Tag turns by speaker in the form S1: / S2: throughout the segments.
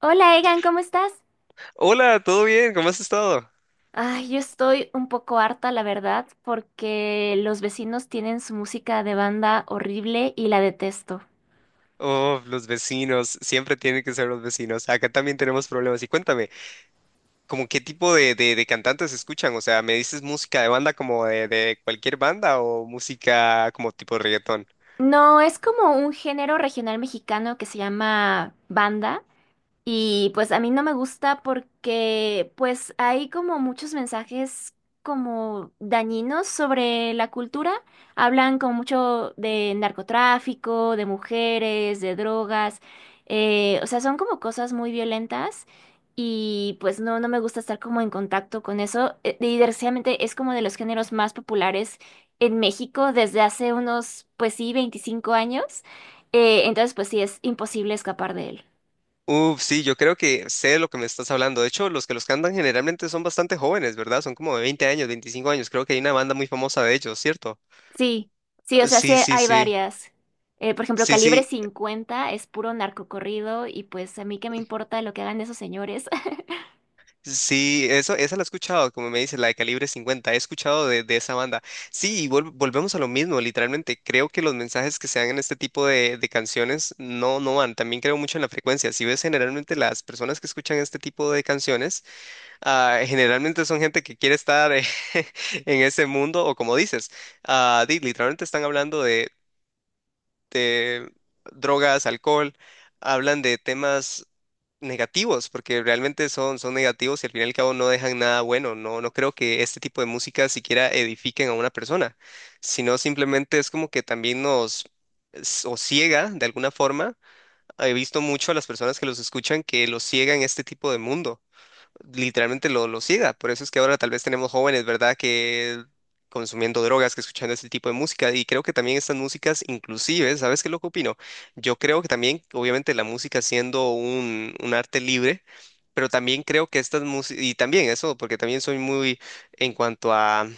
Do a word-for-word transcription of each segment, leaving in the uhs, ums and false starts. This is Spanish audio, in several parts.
S1: Hola Egan, ¿cómo estás?
S2: Hola, ¿todo bien? ¿Cómo has estado?
S1: Ay, yo estoy un poco harta, la verdad, porque los vecinos tienen su música de banda horrible y la detesto.
S2: Oh, los vecinos, siempre tienen que ser los vecinos. Acá también tenemos problemas. Y cuéntame, ¿cómo qué tipo de, de, de cantantes escuchan? O sea, ¿me dices música de banda como de, de cualquier banda o música como tipo reggaetón?
S1: No, es como un género regional mexicano que se llama banda. Y pues a mí no me gusta porque pues hay como muchos mensajes como dañinos sobre la cultura. Hablan como mucho de narcotráfico, de mujeres, de drogas. Eh, o sea, son como cosas muy violentas y pues no, no me gusta estar como en contacto con eso. Eh, Y desgraciadamente es como de los géneros más populares en México desde hace unos, pues sí, veinticinco años. Eh, entonces pues sí, es imposible escapar de él.
S2: Uf, sí, yo creo que sé de lo que me estás hablando. De hecho, los que los cantan generalmente son bastante jóvenes, ¿verdad? Son como de veinte años, veinticinco años. Creo que hay una banda muy famosa de ellos, ¿cierto?
S1: Sí, sí, o sea, sí
S2: Sí, sí,
S1: hay
S2: sí.
S1: varias. Eh, por ejemplo,
S2: Sí,
S1: Calibre
S2: sí.
S1: cincuenta es puro narcocorrido y pues a mí qué me importa lo que hagan esos señores.
S2: Sí, eso, esa la he escuchado, como me dice, la de calibre cincuenta he escuchado de, de esa banda. Sí, y vol- volvemos a lo mismo, literalmente, creo que los mensajes que se dan en este tipo de, de canciones no, no van, también creo mucho en la frecuencia. Si ves generalmente las personas que escuchan este tipo de canciones, ah, generalmente son gente que quiere estar eh, en ese mundo, o como dices, ah, di- literalmente están hablando de de drogas, alcohol, hablan de temas negativos, porque realmente son, son negativos y al fin y al cabo no dejan nada bueno. No, no creo que este tipo de música siquiera edifiquen a una persona, sino simplemente es como que también nos s- o ciega de alguna forma. He visto mucho a las personas que los escuchan que los ciega en este tipo de mundo literalmente lo, lo siga. Por eso es que ahora tal vez tenemos jóvenes, ¿verdad? Que consumiendo drogas, que escuchando ese tipo de música. Y creo que también estas músicas, inclusive, ¿sabes qué es lo que opino? Yo creo que también, obviamente, la música siendo un, un arte libre, pero también creo que estas músicas, y también eso, porque también soy muy en cuanto a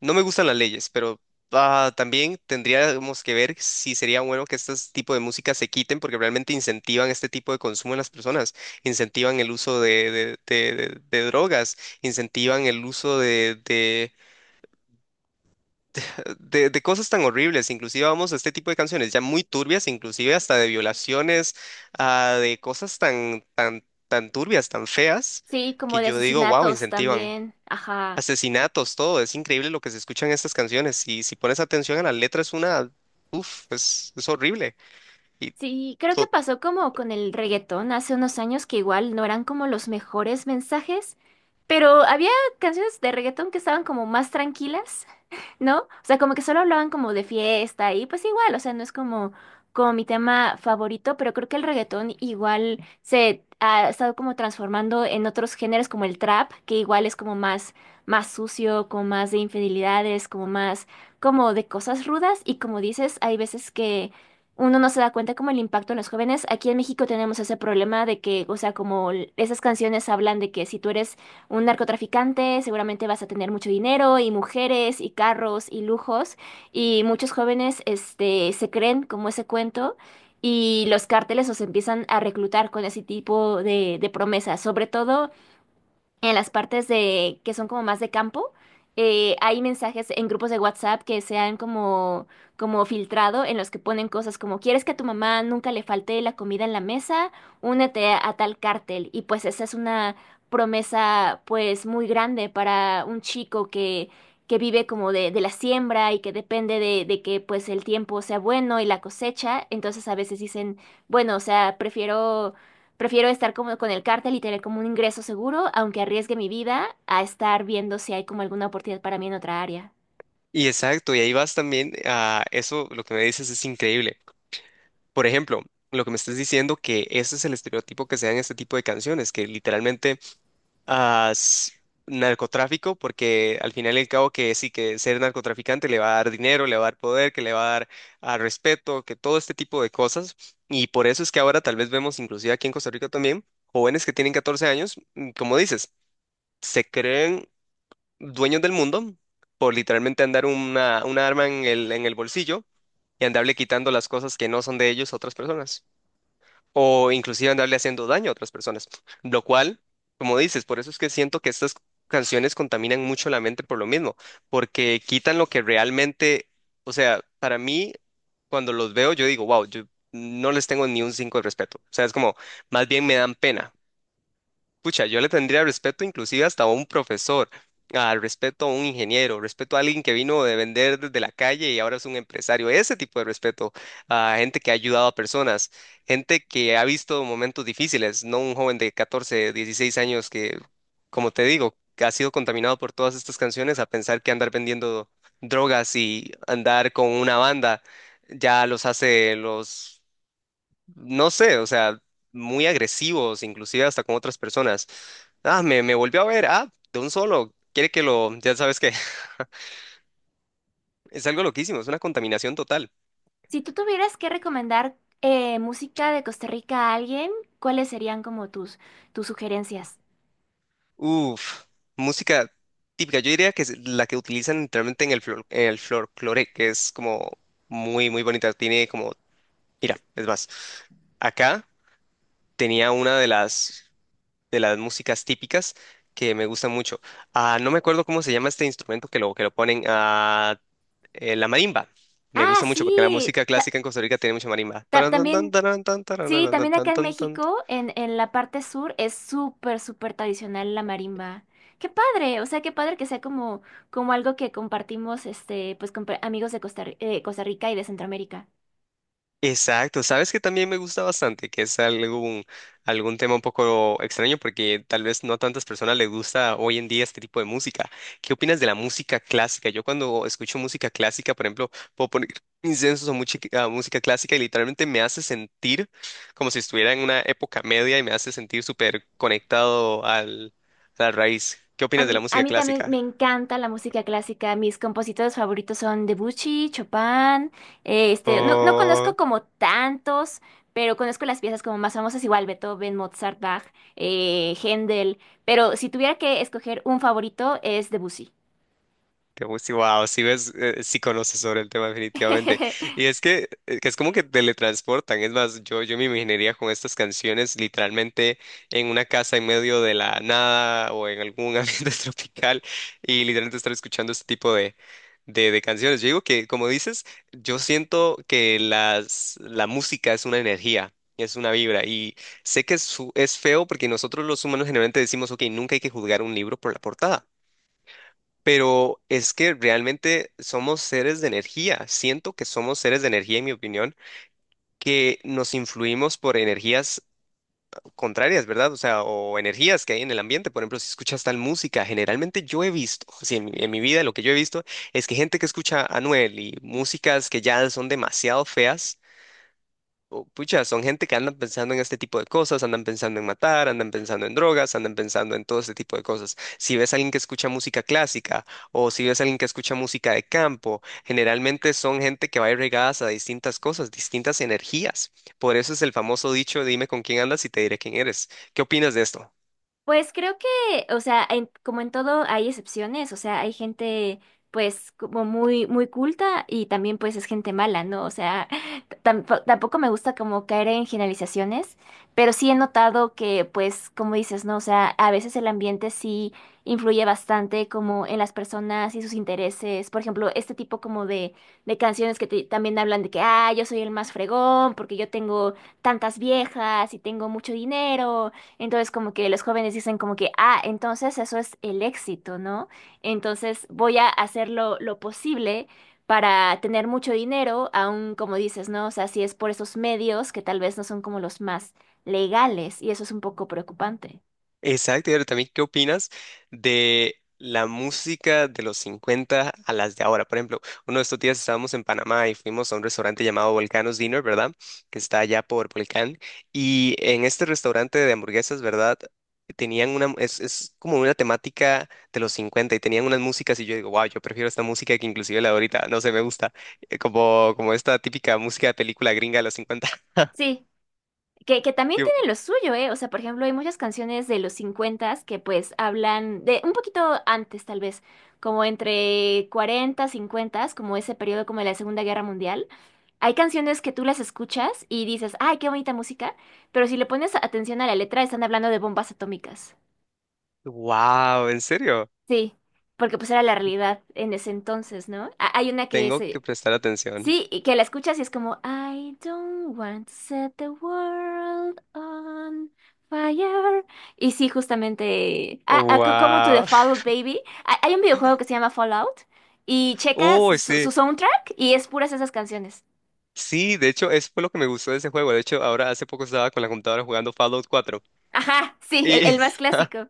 S2: no me gustan las leyes, pero ah, también tendríamos que ver si sería bueno que este tipo de música se quiten porque realmente incentivan este tipo de consumo en las personas, incentivan el uso de, de- de- de- de drogas, incentivan el uso de, de, de- de cosas tan horribles. Inclusive vamos a este tipo de canciones ya muy turbias, inclusive hasta de violaciones, ah, de cosas tan, tan, tan turbias, tan feas,
S1: Sí, como
S2: que
S1: de
S2: yo digo, wow,
S1: asesinatos
S2: incentivan
S1: también. Ajá.
S2: asesinatos, todo. Es increíble lo que se escucha en estas canciones. Y si pones atención a la letra, es una, uf, es, es horrible. Y,
S1: Sí, creo que
S2: to-
S1: pasó como con el reggaetón hace unos años que igual no eran como los mejores mensajes, pero había canciones de reggaetón que estaban como más tranquilas, ¿no? O sea, como que solo hablaban como de fiesta y pues igual, o sea, no es como, como mi tema favorito, pero creo que el reggaetón igual se ha estado como transformando en otros géneros como el trap, que igual es como más, más sucio, como más de infidelidades, como más, como de cosas rudas y como dices, hay veces que. Uno no se da cuenta como el impacto en los jóvenes. Aquí en México tenemos ese problema de que, o sea, como l- esas canciones hablan de que si tú eres un narcotraficante, seguramente vas a tener mucho dinero y mujeres y carros y lujos. Y muchos jóvenes, este, se creen como ese cuento y los cárteles los empiezan a reclutar con ese tipo de, de promesas, sobre todo en las partes de que son como más de campo, eh, hay mensajes en grupos de WhatsApp que se han como, como filtrado en los que ponen cosas como ¿quieres que a tu mamá nunca le falte la comida en la mesa? Únete a, a tal cártel. Y pues esa es una promesa pues muy grande para un chico que que vive como de, de la siembra y que depende de, de que pues el tiempo sea bueno y la cosecha, entonces a veces dicen, bueno, o sea, prefiero Prefiero estar como con el cártel y tener como un ingreso seguro, aunque arriesgue mi vida, a estar viendo si hay como alguna oportunidad para mí en otra área.
S2: y exacto, y ahí vas también a eso, lo que me dices es increíble. Por ejemplo, lo que me estás diciendo que ese es el estereotipo que se da en este tipo de canciones, que literalmente a s- narcotráfico, porque al final y al cabo que sí, que ser narcotraficante le va a dar dinero, le va a dar poder, que le va a dar a respeto, que todo este tipo de cosas. Y por eso es que ahora tal vez vemos, inclusive aquí en Costa Rica también, jóvenes que tienen catorce años, mm, como dices, se creen dueños del mundo por literalmente andar una, una arma en el, en el bolsillo y andarle quitando las cosas que no son de ellos a otras personas o inclusive andarle haciendo daño a otras personas. Lo cual, como dices, por eso es que siento que estas canciones contaminan mucho la mente por lo mismo, porque quitan lo que realmente, o sea, para mí, cuando los veo, yo digo, wow, yo no les tengo ni un cinco de respeto. O sea, es como, más bien me dan pena. Pucha, yo le tendría respeto inclusive hasta a un profesor, al respeto a un ingeniero, respeto a alguien que vino de vender desde la calle y ahora es un empresario. Ese tipo de respeto a gente que ha ayudado a personas, gente que ha visto momentos difíciles, no un joven de catorce, dieciséis años que, como te digo, que ha sido contaminado por todas estas canciones a pensar que andar vendiendo drogas y andar con una banda ya los hace los no sé, o sea, muy agresivos, inclusive hasta con otras personas. Ah, me, me volvió a ver, ah, de un solo, quiere que lo, ya sabes que es algo loquísimo, es una contaminación total.
S1: Si tú tuvieras que recomendar eh, música de Costa Rica a alguien, ¿cuáles serían como tus, tus sugerencias?
S2: Uf, música típica, yo diría que es la que utilizan literalmente en el, flor, en el folclore, que es como muy, muy bonita, tiene como, mira, es más, acá tenía una de las, de las músicas típicas que me gusta mucho. Ah, no me acuerdo cómo se llama este instrumento que lo, que lo ponen. Ah, eh, la marimba. Me
S1: Ah,
S2: gusta mucho porque la
S1: sí,
S2: música
S1: ta-
S2: clásica en Costa Rica tiene mucha marimba.
S1: ta- también, sí, también acá en México, en, en la parte sur, es súper, súper tradicional la marimba. Qué padre, o sea, qué padre que sea como, como algo que compartimos, este, pues con pre- amigos de Costa, Ri- eh, Costa Rica y de Centroamérica.
S2: Exacto, sabes que también me gusta bastante, que es algún, algún tema un poco extraño porque tal vez no a tantas personas les gusta hoy en día este tipo de música. ¿Qué opinas de la música clásica? Yo cuando escucho música clásica, por ejemplo, puedo poner incensos o música, música clásica y literalmente me hace sentir como si estuviera en una época media y me hace sentir súper conectado al, a la raíz. ¿Qué
S1: A
S2: opinas de la
S1: mí, a
S2: música
S1: mí también me
S2: clásica?
S1: encanta la música clásica. Mis compositores favoritos son Debuchy, Chopin. Eh, Este, no, no conozco como tantos, pero conozco las piezas como más famosas, igual Beethoven, Mozart, Bach, eh, Händel. Pero si tuviera que escoger un favorito es Debussy.
S2: Qué wow, si ves, eh, eh, sí conoces sobre el tema definitivamente. Y es que, eh, que es como que teletransportan. Es más, yo, yo me imaginaría con estas canciones literalmente en una casa en medio de la nada o en algún ambiente tropical y literalmente estar escuchando este tipo de, de, de canciones. Yo digo que, como dices, yo siento que las, la música es una energía. Es una vibra y sé que es, fu- es feo porque nosotros los humanos generalmente decimos, ok, nunca hay que juzgar un libro por la portada. Pero es que realmente somos seres de energía. Siento que somos seres de energía, en mi opinión, que nos influimos por energías contrarias, ¿verdad? O sea, o energías que hay en el ambiente. Por ejemplo, si escuchas tal música, generalmente yo he visto, si en, mi en mi vida lo que yo he visto es que gente que escucha a Anuel y músicas que ya son demasiado feas o, pucha, son gente que andan pensando en este tipo de cosas, andan pensando en matar, andan pensando en drogas, andan pensando en todo este tipo de cosas. Si ves a alguien que escucha música clásica o si ves a alguien que escucha música de campo, generalmente son gente que va irregadas a distintas cosas, distintas energías. Por eso es el famoso dicho, dime con quién andas y te diré quién eres. ¿Qué opinas de esto?
S1: Pues creo que, o sea, en- como en todo hay excepciones, o sea, hay gente pues como muy muy culta y también pues es gente mala, ¿no? O sea, tampo- tampoco me gusta como caer en generalizaciones, pero sí he notado que pues como dices, ¿no? O sea, a veces el ambiente sí influye bastante como en las personas y sus intereses, por ejemplo, este tipo como de, de canciones que te- también hablan de que, ah, yo soy el más fregón porque yo tengo tantas viejas y tengo mucho dinero. Entonces, como que los jóvenes dicen como que, ah, entonces eso es el éxito, ¿no? Entonces voy a hacer lo, lo posible para tener mucho dinero, aún como dices, ¿no? O sea, si es por esos medios que tal vez no son como los más legales, y eso es un poco preocupante.
S2: Exacto, y ahora también, ¿qué opinas de la música de los cincuenta a las de ahora? Por ejemplo, uno de estos días estábamos en Panamá y fuimos a un restaurante llamado Volcano's Dinner, ¿verdad? Que está allá por Volcán. Y en este restaurante de hamburguesas, ¿verdad? Tenían una, es, es como una temática de los cincuenta y tenían unas músicas y yo digo, wow, yo prefiero esta música que inclusive la de ahorita, no sé, me gusta, eh, como, como esta típica música de película gringa de los cincuenta.
S1: Sí, Que, que también
S2: Yo,
S1: tienen lo suyo, ¿eh? O sea, por ejemplo, hay muchas canciones de los cincuenta que pues hablan de un poquito antes, tal vez, como entre cuarenta, cincuenta, como ese periodo como de la Segunda Guerra Mundial. Hay canciones que tú las escuchas y dices, ay, qué bonita música, pero si le pones atención a la letra, están hablando de bombas atómicas.
S2: wow, ¿en serio?
S1: Sí, porque pues era la realidad en ese entonces, ¿no? Ha- Hay una que
S2: Tengo que
S1: se,
S2: prestar atención.
S1: sí, y que la escuchas y es como, I don't want to set the world on fire. Y sí, justamente, ah, ah, co- como To The
S2: Wow.
S1: Fallout Baby, hay hay un videojuego que se llama Fallout y checa
S2: Oh,
S1: su,
S2: sí.
S1: su soundtrack y es puras esas canciones.
S2: Sí, de hecho, eso fue lo que me gustó de ese juego. De hecho, ahora hace poco estaba con la computadora jugando Fallout cuatro.
S1: Ajá, sí, el,
S2: Y
S1: el más clásico.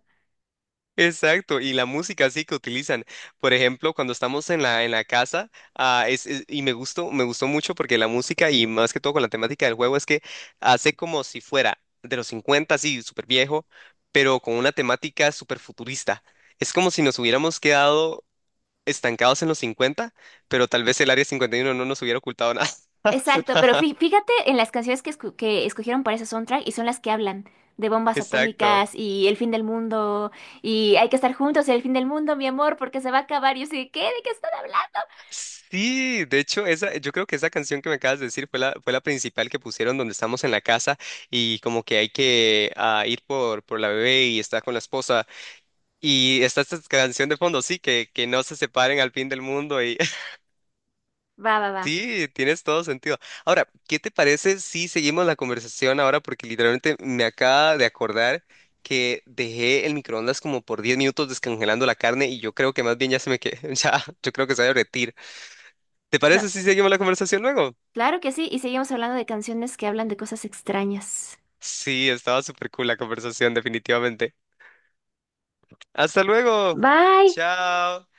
S2: exacto, y la música así que utilizan. Por ejemplo, cuando estamos en la en la casa, ah, es, es- y me gustó, me gustó mucho porque la música y más que todo con la temática del juego es que hace como si fuera de los cincuenta así súper viejo, pero con una temática súper futurista. Es como si nos hubiéramos quedado estancados en los cincuenta, pero tal vez el área cincuenta y uno no nos hubiera ocultado nada.
S1: Exacto, pero fí- fíjate en las canciones que, escu- que escogieron para ese soundtrack y son las que hablan de bombas
S2: Exacto.
S1: atómicas y el fin del mundo y hay que estar juntos en el fin del mundo, mi amor, porque se va a acabar. Y yo sé, ¿qué? ¿De qué están hablando?
S2: Sí, de hecho, esa, yo creo que esa canción que me acabas de decir fue la, fue la principal que pusieron donde estamos en la casa y como que hay que ah, ir por, por la bebé y está con la esposa y está esta canción de fondo, sí, que, que no se separen al fin del mundo y
S1: Va, va, va.
S2: sí, tienes todo sentido. Ahora, ¿qué te parece si seguimos la conversación ahora? Porque literalmente me acaba de acordar que dejé el microondas como por diez minutos descongelando la carne y yo creo que más bien ya se me que ya, yo creo que se va a derretir. ¿Te parece
S1: No,
S2: si seguimos la conversación luego?
S1: claro que sí, y seguimos hablando de canciones que hablan de cosas extrañas.
S2: Sí, estaba súper cool la conversación, definitivamente. Hasta luego.
S1: Bye.
S2: Chao.